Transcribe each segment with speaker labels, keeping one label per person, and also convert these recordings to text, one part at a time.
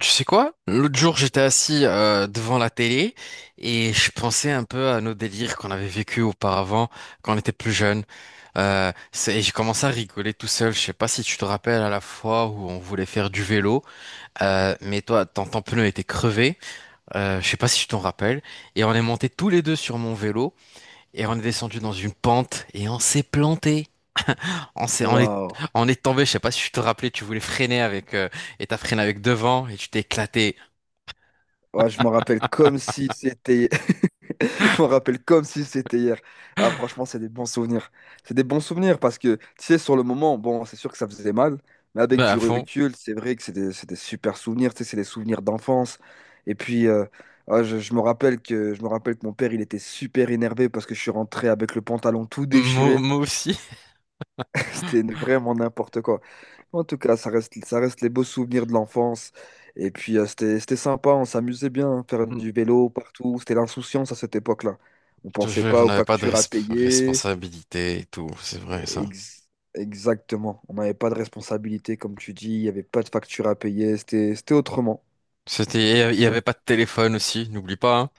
Speaker 1: Tu sais quoi? L'autre jour, j'étais assis devant la télé et je pensais un peu à nos délires qu'on avait vécu auparavant quand on était plus jeune. Et j'ai commencé à rigoler tout seul. Je sais pas si tu te rappelles à la fois où on voulait faire du vélo, mais toi, ton pneu était crevé. Je sais pas si tu t'en rappelles. Et on est montés tous les deux sur mon vélo et on est descendu dans une pente et on s'est planté. On s'est, on est,
Speaker 2: Waouh.
Speaker 1: on est tombé. Je sais pas si tu te rappelais. Tu voulais freiner avec et t'as freiné avec devant et tu t'es éclaté
Speaker 2: Ouais, je m'en rappelle comme si c'était. Je m'en rappelle comme si c'était hier. Ah, franchement, c'est des bons souvenirs. C'est des bons souvenirs parce que, tu sais, sur le moment, bon, c'est sûr que ça faisait mal, mais avec
Speaker 1: à
Speaker 2: du
Speaker 1: fond.
Speaker 2: recul, c'est vrai que c'est des super souvenirs. Tu sais, c'est des souvenirs d'enfance. Et puis, ah, je me rappelle que, je me rappelle que mon père, il était super énervé parce que je suis rentré avec le pantalon tout
Speaker 1: Moi,
Speaker 2: déchiré.
Speaker 1: moi aussi.
Speaker 2: C'était vraiment n'importe quoi. En tout cas, ça reste les beaux souvenirs de l'enfance. Et puis, c'était sympa, on s'amusait bien, faire
Speaker 1: Mm.
Speaker 2: du vélo partout. C'était l'insouciance à cette époque-là. On
Speaker 1: Je te
Speaker 2: pensait
Speaker 1: jure, on
Speaker 2: pas aux
Speaker 1: n'avait pas de
Speaker 2: factures à payer.
Speaker 1: responsabilité et tout, c'est vrai ça.
Speaker 2: Ex- exactement. On n'avait pas de responsabilité, comme tu dis. Il n'y avait pas de factures à payer. C'était autrement.
Speaker 1: Il n'y avait pas de téléphone aussi, n'oublie pas, hein.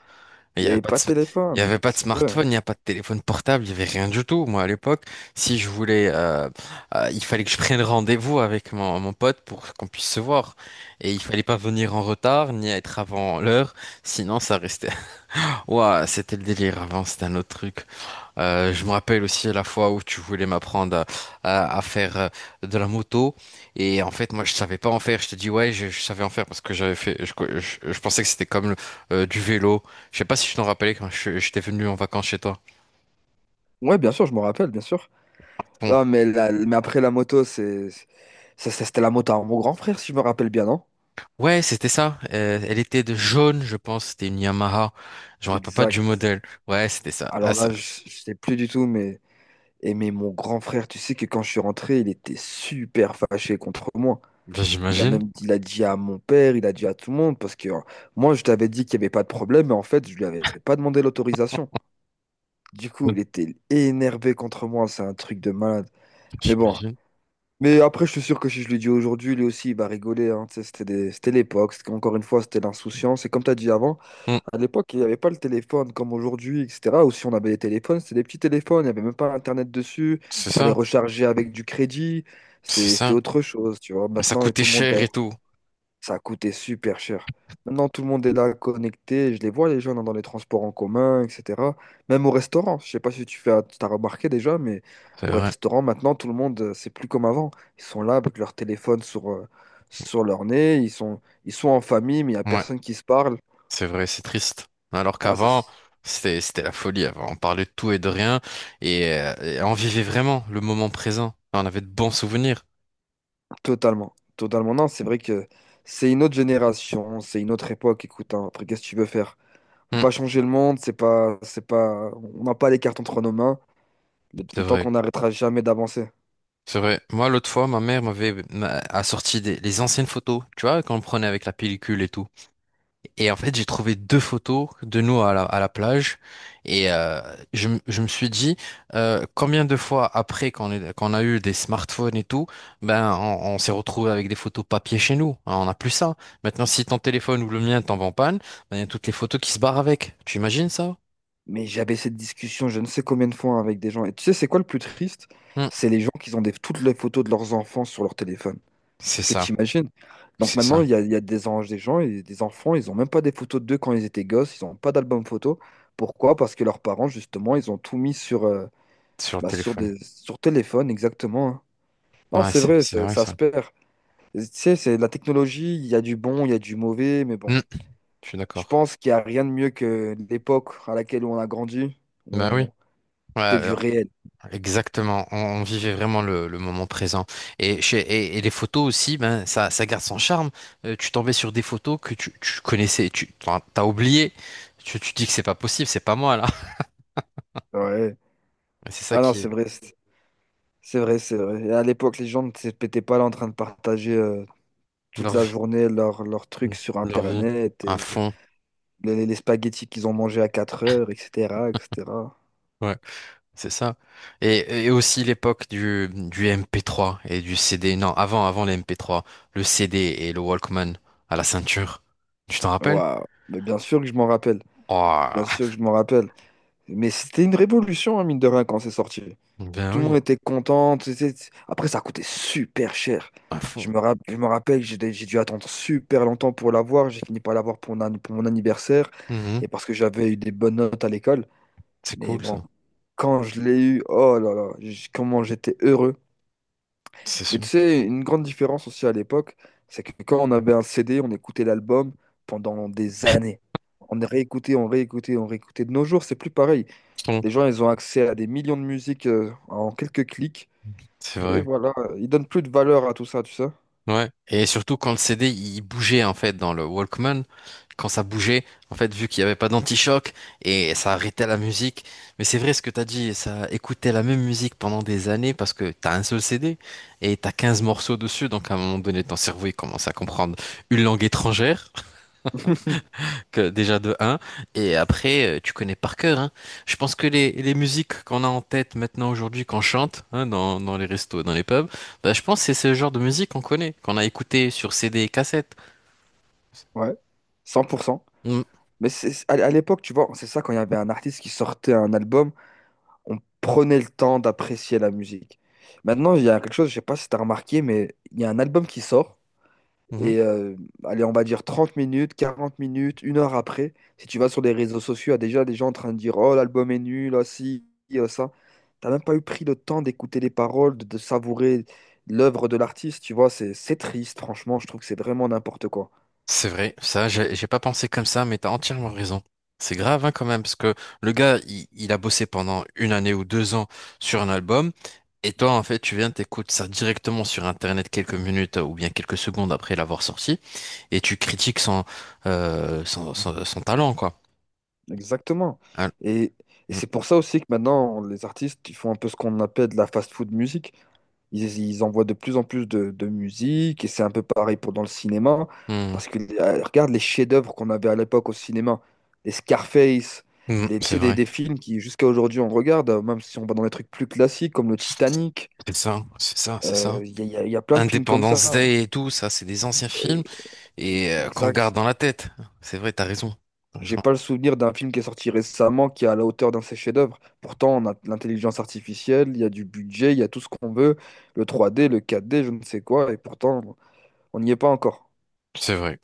Speaker 1: Il
Speaker 2: Il
Speaker 1: n'y
Speaker 2: n'y
Speaker 1: avait
Speaker 2: avait
Speaker 1: pas de,
Speaker 2: pas de
Speaker 1: sm- il y
Speaker 2: téléphone.
Speaker 1: avait pas de
Speaker 2: C'est vrai.
Speaker 1: smartphone, il n'y a pas de téléphone portable, il n'y avait rien du tout. Moi, à l'époque, si je voulais, il fallait que je prenne rendez-vous avec mon pote pour qu'on puisse se voir. Et il fallait pas venir en retard, ni être avant l'heure, sinon ça restait. Ouah, c'était le délire avant, c'était un autre truc. Je me rappelle aussi la fois où tu voulais m'apprendre à faire de la moto et en fait moi je savais pas en faire. Je te dis ouais je savais en faire parce que j'avais fait. Je pensais que c'était comme du vélo. Je sais pas si je t'en rappelais quand j'étais venu en vacances chez toi.
Speaker 2: Ouais, bien sûr, je me rappelle, bien sûr.
Speaker 1: Bon
Speaker 2: Ah, mais, mais après la moto, ça, c'était la moto à mon grand frère, si je me rappelle bien, non?
Speaker 1: ouais c'était ça. Elle était de jaune je pense. C'était une Yamaha. Je me rappelle pas du
Speaker 2: Exact.
Speaker 1: modèle. Ouais c'était ça. Ah
Speaker 2: Alors
Speaker 1: ça.
Speaker 2: là, je sais plus du tout, mais mon grand frère, tu sais que quand je suis rentré, il était super fâché contre moi.
Speaker 1: Ben,
Speaker 2: Il a
Speaker 1: j'imagine.
Speaker 2: même, il a dit à mon père, il a dit à tout le monde, parce que moi, je t'avais dit qu'il n'y avait pas de problème, mais en fait, je lui avais pas demandé l'autorisation. Du coup,
Speaker 1: Ouais,
Speaker 2: il était énervé contre moi, c'est un truc de malade. Mais bon,
Speaker 1: j'imagine.
Speaker 2: mais après, je suis sûr que si je lui dis aujourd'hui, lui aussi, il va rigoler, hein. Tu sais, c'était l'époque, encore une fois, c'était l'insouciance. Et comme tu as dit avant,
Speaker 1: Hmm,
Speaker 2: à l'époque, il n'y avait pas le téléphone comme aujourd'hui, etc. Ou si on avait les téléphones, c'était des petits téléphones, il n'y avait même pas Internet dessus,
Speaker 1: c'est
Speaker 2: il fallait
Speaker 1: ça.
Speaker 2: recharger avec du crédit,
Speaker 1: C'est
Speaker 2: c'était
Speaker 1: ça.
Speaker 2: autre chose, tu vois.
Speaker 1: Mais ça
Speaker 2: Maintenant, et
Speaker 1: coûtait
Speaker 2: tout le monde,
Speaker 1: cher
Speaker 2: a-
Speaker 1: et tout.
Speaker 2: ça a coûté super cher. Maintenant, tout le monde est là connecté, je les vois, les gens dans les transports en commun, etc. Même au restaurant, je sais pas si tu fais, t'as remarqué déjà, mais
Speaker 1: C'est
Speaker 2: au
Speaker 1: vrai.
Speaker 2: restaurant, maintenant, tout le monde, c'est plus comme avant. Ils sont là avec leur téléphone sur leur nez, ils sont en famille, mais il n'y a
Speaker 1: Ouais.
Speaker 2: personne qui se parle.
Speaker 1: C'est vrai, c'est triste. Alors
Speaker 2: Ah, c'est
Speaker 1: qu'avant, c'était la folie. Avant, on parlait de tout et de rien et on vivait vraiment le moment présent. On avait de bons souvenirs.
Speaker 2: Totalement, totalement. Non, c'est vrai que c'est une autre génération, c'est une autre époque. Écoute, hein, après, qu'est-ce que tu veux faire? On peut
Speaker 1: Hmm,
Speaker 2: pas changer le monde, c'est pas, on n'a pas les cartes entre nos mains. Le,
Speaker 1: c'est
Speaker 2: le temps
Speaker 1: vrai,
Speaker 2: qu'on n'arrêtera jamais d'avancer.
Speaker 1: c'est vrai. Moi, l'autre fois, ma mère a sorti les anciennes photos, tu vois, qu'on prenait avec la pellicule et tout. Et en fait, j'ai trouvé deux photos de nous à la plage. Et je me suis dit, combien de fois après qu'on a eu des smartphones et tout, ben on s'est retrouvé avec des photos papier chez nous. Hein, on n'a plus ça. Maintenant, si ton téléphone ou le mien tombe en panne, ben, il y a toutes les photos qui se barrent avec. Tu imagines ça?
Speaker 2: Mais j'avais cette discussion, je ne sais combien de fois, hein, avec des gens. Et tu sais, c'est quoi le plus triste?
Speaker 1: Hmm.
Speaker 2: C'est les gens qui ont toutes les photos de leurs enfants sur leur téléphone.
Speaker 1: C'est
Speaker 2: Est-ce que tu
Speaker 1: ça,
Speaker 2: imagines? Donc
Speaker 1: c'est
Speaker 2: maintenant,
Speaker 1: ça,
Speaker 2: il y a des, en- des gens, et des enfants, ils ont même pas des photos d'eux quand ils étaient gosses, ils n'ont pas d'album photo. Pourquoi? Parce que leurs parents, justement, ils ont tout mis
Speaker 1: sur le
Speaker 2: bah,
Speaker 1: téléphone.
Speaker 2: sur téléphone, exactement, hein. Non,
Speaker 1: Ouais,
Speaker 2: c'est vrai,
Speaker 1: c'est
Speaker 2: ça
Speaker 1: vrai
Speaker 2: ça se
Speaker 1: ça.
Speaker 2: perd. Tu sais, c'est la technologie, il y a du bon, il y a du mauvais, mais bon,
Speaker 1: Hmm. Je suis
Speaker 2: je
Speaker 1: d'accord.
Speaker 2: pense qu'il n'y a rien de mieux que l'époque à laquelle on a grandi.
Speaker 1: Ben oui.
Speaker 2: On... C'était du
Speaker 1: Ouais,
Speaker 2: réel.
Speaker 1: exactement, on vivait vraiment le moment présent. Et les photos aussi, ben, ça garde son charme. Tu tombais sur des photos que tu connaissais, t'as oublié. Tu dis que c'est pas possible, c'est pas moi là.
Speaker 2: Ouais.
Speaker 1: C'est ça
Speaker 2: Ah non,
Speaker 1: qui
Speaker 2: c'est
Speaker 1: est
Speaker 2: vrai, c'est vrai, c'est vrai. Et à l'époque, les gens ne se pétaient pas là en train de partager toute
Speaker 1: leur
Speaker 2: la
Speaker 1: vie,
Speaker 2: journée leurs trucs sur
Speaker 1: leur vie,
Speaker 2: Internet,
Speaker 1: un
Speaker 2: et
Speaker 1: fond.
Speaker 2: les spaghettis qu'ils ont mangés à 4 heures, etc., etc.
Speaker 1: Ouais, c'est ça. Et aussi l'époque du MP3 et du CD. Non, avant les MP3, le CD et le Walkman à la ceinture. Tu t'en rappelles?
Speaker 2: Waouh. Mais bien sûr que je m'en rappelle. Bien
Speaker 1: Oh,
Speaker 2: sûr que je m'en rappelle. Mais c'était une révolution, hein, mine de rien, quand c'est sorti.
Speaker 1: ben
Speaker 2: Tout le monde
Speaker 1: oui,
Speaker 2: était content. Tu sais, après, ça coûtait super cher.
Speaker 1: un
Speaker 2: Je
Speaker 1: fond.
Speaker 2: me, rap- je me rappelle, que j'ai dû attendre super longtemps pour l'avoir. J'ai fini par l'avoir pour mon anniversaire
Speaker 1: Mhm.
Speaker 2: et parce que j'avais eu des bonnes notes à l'école.
Speaker 1: C'est
Speaker 2: Mais
Speaker 1: cool
Speaker 2: bon,
Speaker 1: ça.
Speaker 2: quand je l'ai eu, oh là là, comment j'étais heureux.
Speaker 1: C'est
Speaker 2: Mais tu
Speaker 1: son.
Speaker 2: sais, une grande différence aussi à l'époque, c'est que quand on avait un CD, on écoutait l'album pendant des années. On réécoutait, on réécoutait, on réécoutait. De nos jours, c'est plus pareil.
Speaker 1: Son,
Speaker 2: Les gens, ils ont accès à des millions de musiques en quelques clics.
Speaker 1: c'est
Speaker 2: Et
Speaker 1: vrai.
Speaker 2: voilà, ils donnent plus de valeur à tout ça, tu sais.
Speaker 1: Ouais. Et surtout quand le CD il bougeait en fait dans le Walkman, quand ça bougeait, en fait vu qu'il n'y avait pas d'anti-choc et ça arrêtait la musique. Mais c'est vrai ce que t'as dit, ça écoutait la même musique pendant des années parce que t'as un seul CD et t'as 15 morceaux dessus, donc à un moment donné ton cerveau il commence à comprendre une langue étrangère. Que déjà de un et après, tu connais par cœur, hein. Je pense que les musiques qu'on a en tête maintenant aujourd'hui, qu'on chante, hein, dans les restos, dans les pubs, bah, je pense que c'est ce genre de musique qu'on connaît, qu'on a écouté sur CD et cassette.
Speaker 2: Ouais, 100%.
Speaker 1: Mm.
Speaker 2: Mais à l'époque, tu vois, c'est ça, quand il y avait un artiste qui sortait un album, on prenait le temps d'apprécier la musique. Maintenant, il y a quelque chose, je sais pas si t'as remarqué, mais il y a un album qui sort. Et
Speaker 1: Mhm.
Speaker 2: allez, on va dire 30 minutes, 40 minutes, une heure après, si tu vas sur les réseaux sociaux, il y a déjà des gens en train de dire, Oh, l'album est nul, ah, si, ah, ça. T'as même pas eu pris le temps d'écouter les paroles, de savourer l'œuvre de l'artiste, tu vois, c'est triste, franchement, je trouve que c'est vraiment n'importe quoi.
Speaker 1: C'est vrai, ça, j'ai pas pensé comme ça, mais t'as entièrement raison. C'est grave, hein, quand même, parce que le gars, il a bossé pendant une année ou 2 ans sur un album, et toi, en fait, tu viens, t'écoutes ça directement sur Internet quelques minutes ou bien quelques secondes après l'avoir sorti. Et tu critiques son talent, quoi.
Speaker 2: Exactement.
Speaker 1: Al-
Speaker 2: Et, et
Speaker 1: Mm.
Speaker 2: c'est pour ça aussi que maintenant, les artistes, ils font un peu ce qu'on appelle de la fast-food musique. Ils envoient de plus en plus de musique, et c'est un peu pareil pour dans le cinéma.
Speaker 1: Mm.
Speaker 2: Parce que, regarde les chefs-d'œuvre qu'on avait à l'époque au cinéma, les Scarface,
Speaker 1: Mm.
Speaker 2: tu
Speaker 1: C'est
Speaker 2: sais, des,
Speaker 1: vrai,
Speaker 2: des films qui, jusqu'à aujourd'hui, on regarde, même si on va dans des trucs plus classiques comme le Titanic.
Speaker 1: c'est ça, c'est ça, c'est ça.
Speaker 2: Il y a plein de films comme ça.
Speaker 1: Independence Day et tout, ça, c'est des anciens films
Speaker 2: Et-
Speaker 1: et qu'on
Speaker 2: exact.
Speaker 1: garde dans la tête. C'est vrai, t'as raison. T'as raison.
Speaker 2: J'ai pas le souvenir d'un film qui est sorti récemment qui est à la hauteur d'un de ses chefs-d'œuvre. Pourtant, on a de l'intelligence artificielle, il y a du budget, il y a tout ce qu'on veut, le 3D, le 4D, je ne sais quoi, et pourtant, on n'y est pas encore.
Speaker 1: C'est vrai,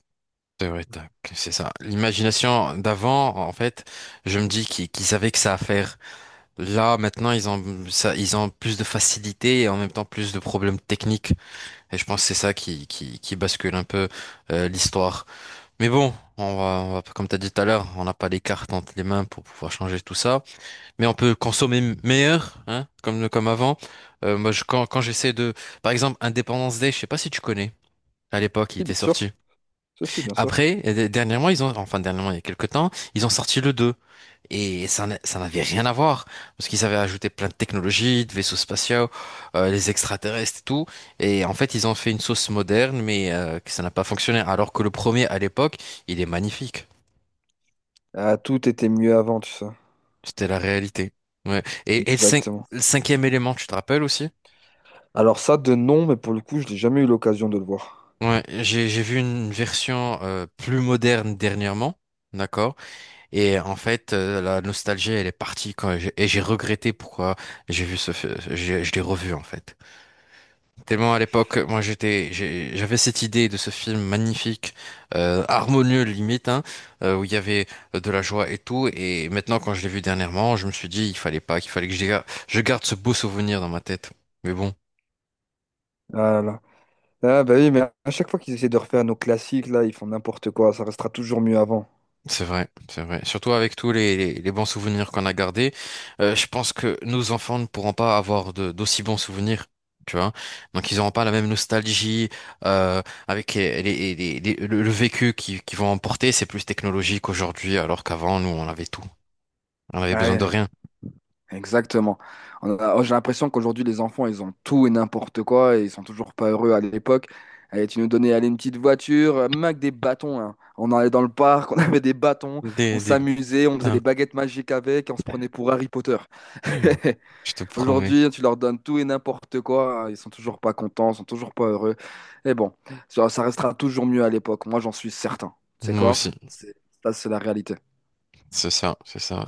Speaker 1: c'est vrai, tac, c'est ça. L'imagination d'avant, en fait, je me dis qu'ils savaient que ça à faire. Là, maintenant, ils ont ça, ils ont plus de facilité et en même temps plus de problèmes techniques. Et je pense que c'est ça qui bascule un peu l'histoire. Mais bon, comme tu as dit tout à l'heure, on n'a pas les cartes entre les mains pour pouvoir changer tout ça. Mais on peut consommer meilleur, hein, comme avant. Moi, je, quand j'essaie de... Par exemple, Independence Day, je sais pas si tu connais. À l'époque, il
Speaker 2: Si,
Speaker 1: était
Speaker 2: bien sûr.
Speaker 1: sorti.
Speaker 2: Si, si, bien sûr.
Speaker 1: Après, dernièrement, Enfin, dernièrement, il y a quelques temps, ils ont sorti le 2. Et ça n'avait rien à voir, parce qu'ils avaient ajouté plein de technologies, de vaisseaux spatiaux, les extraterrestres et tout. Et en fait, ils ont fait une sauce moderne, mais que ça n'a pas fonctionné. Alors que le premier, à l'époque, il est magnifique.
Speaker 2: Ah, tout était mieux avant, tu sais.
Speaker 1: C'était la réalité. Ouais. Et, et le, cin-
Speaker 2: Exactement.
Speaker 1: le cinquième élément, tu te rappelles aussi?
Speaker 2: Alors ça, de nom, mais pour le coup, je n'ai jamais eu l'occasion de le voir.
Speaker 1: Ouais, j'ai vu une version plus moderne dernièrement, d'accord? Et en fait, la nostalgie, elle est partie quand j'ai regretté pourquoi j'ai vu ce, fi- j'ai- je l'ai revu en fait. Tellement à l'époque, moi j'avais cette idée de ce film magnifique, harmonieux limite, hein, où il y avait de la joie et tout. Et maintenant, quand je l'ai vu dernièrement, je me suis dit, il fallait pas, qu'il fallait que je garde ce beau souvenir dans ma tête. Mais bon.
Speaker 2: Ah là là. Ah bah oui, mais à chaque fois qu'ils essaient de refaire nos classiques, là, ils font n'importe quoi, ça restera toujours mieux avant.
Speaker 1: C'est vrai, c'est vrai. Surtout avec tous les bons souvenirs qu'on a gardés, je pense que nos enfants ne pourront pas avoir d'aussi bons souvenirs, tu vois. Donc ils n'auront pas la même nostalgie euh, avec le vécu qu'ils vont emporter. C'est plus technologique aujourd'hui, alors qu'avant, nous, on avait tout. On avait besoin
Speaker 2: Ouais.
Speaker 1: de rien.
Speaker 2: Exactement. Oh, j'ai l'impression qu'aujourd'hui, les enfants, ils ont tout et n'importe quoi et ils sont toujours pas heureux à l'époque. Et tu nous donnais aller une petite voiture, même avec des bâtons, hein. On allait dans le parc, on avait des bâtons,
Speaker 1: Des,
Speaker 2: on
Speaker 1: des...
Speaker 2: s'amusait, on faisait
Speaker 1: Ah.
Speaker 2: des baguettes magiques avec et on se prenait pour Harry Potter.
Speaker 1: Je te promets.
Speaker 2: Aujourd'hui, tu leur donnes tout et n'importe quoi, hein, ils sont toujours pas contents, ils sont toujours pas heureux. Et bon, ça restera toujours mieux à l'époque. Moi, j'en suis certain. C'est
Speaker 1: Moi
Speaker 2: quoi?
Speaker 1: aussi,
Speaker 2: C'est- Ça, c'est la réalité.
Speaker 1: c'est ça, c'est ça.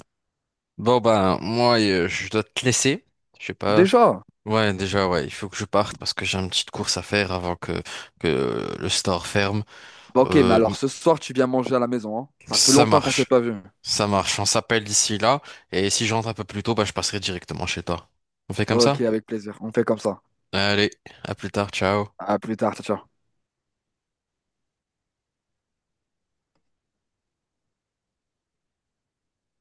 Speaker 1: Bon, ben, moi, je dois te laisser. Je sais pas.
Speaker 2: Déjà.
Speaker 1: Ouais, déjà, ouais, il faut que je parte parce que j'ai une petite course à faire avant que le store ferme.
Speaker 2: Bon, ok, mais
Speaker 1: Euh,
Speaker 2: alors ce soir, tu viens manger à la maison, hein? Ça fait
Speaker 1: Ça
Speaker 2: longtemps qu'on s'est
Speaker 1: marche.
Speaker 2: pas vu.
Speaker 1: Ça marche. On s'appelle d'ici là. Et si j'entre un peu plus tôt, bah, je passerai directement chez toi. On fait comme ça?
Speaker 2: Ok, avec plaisir. On fait comme ça.
Speaker 1: Allez, à plus tard. Ciao.
Speaker 2: À plus tard, ciao, ciao.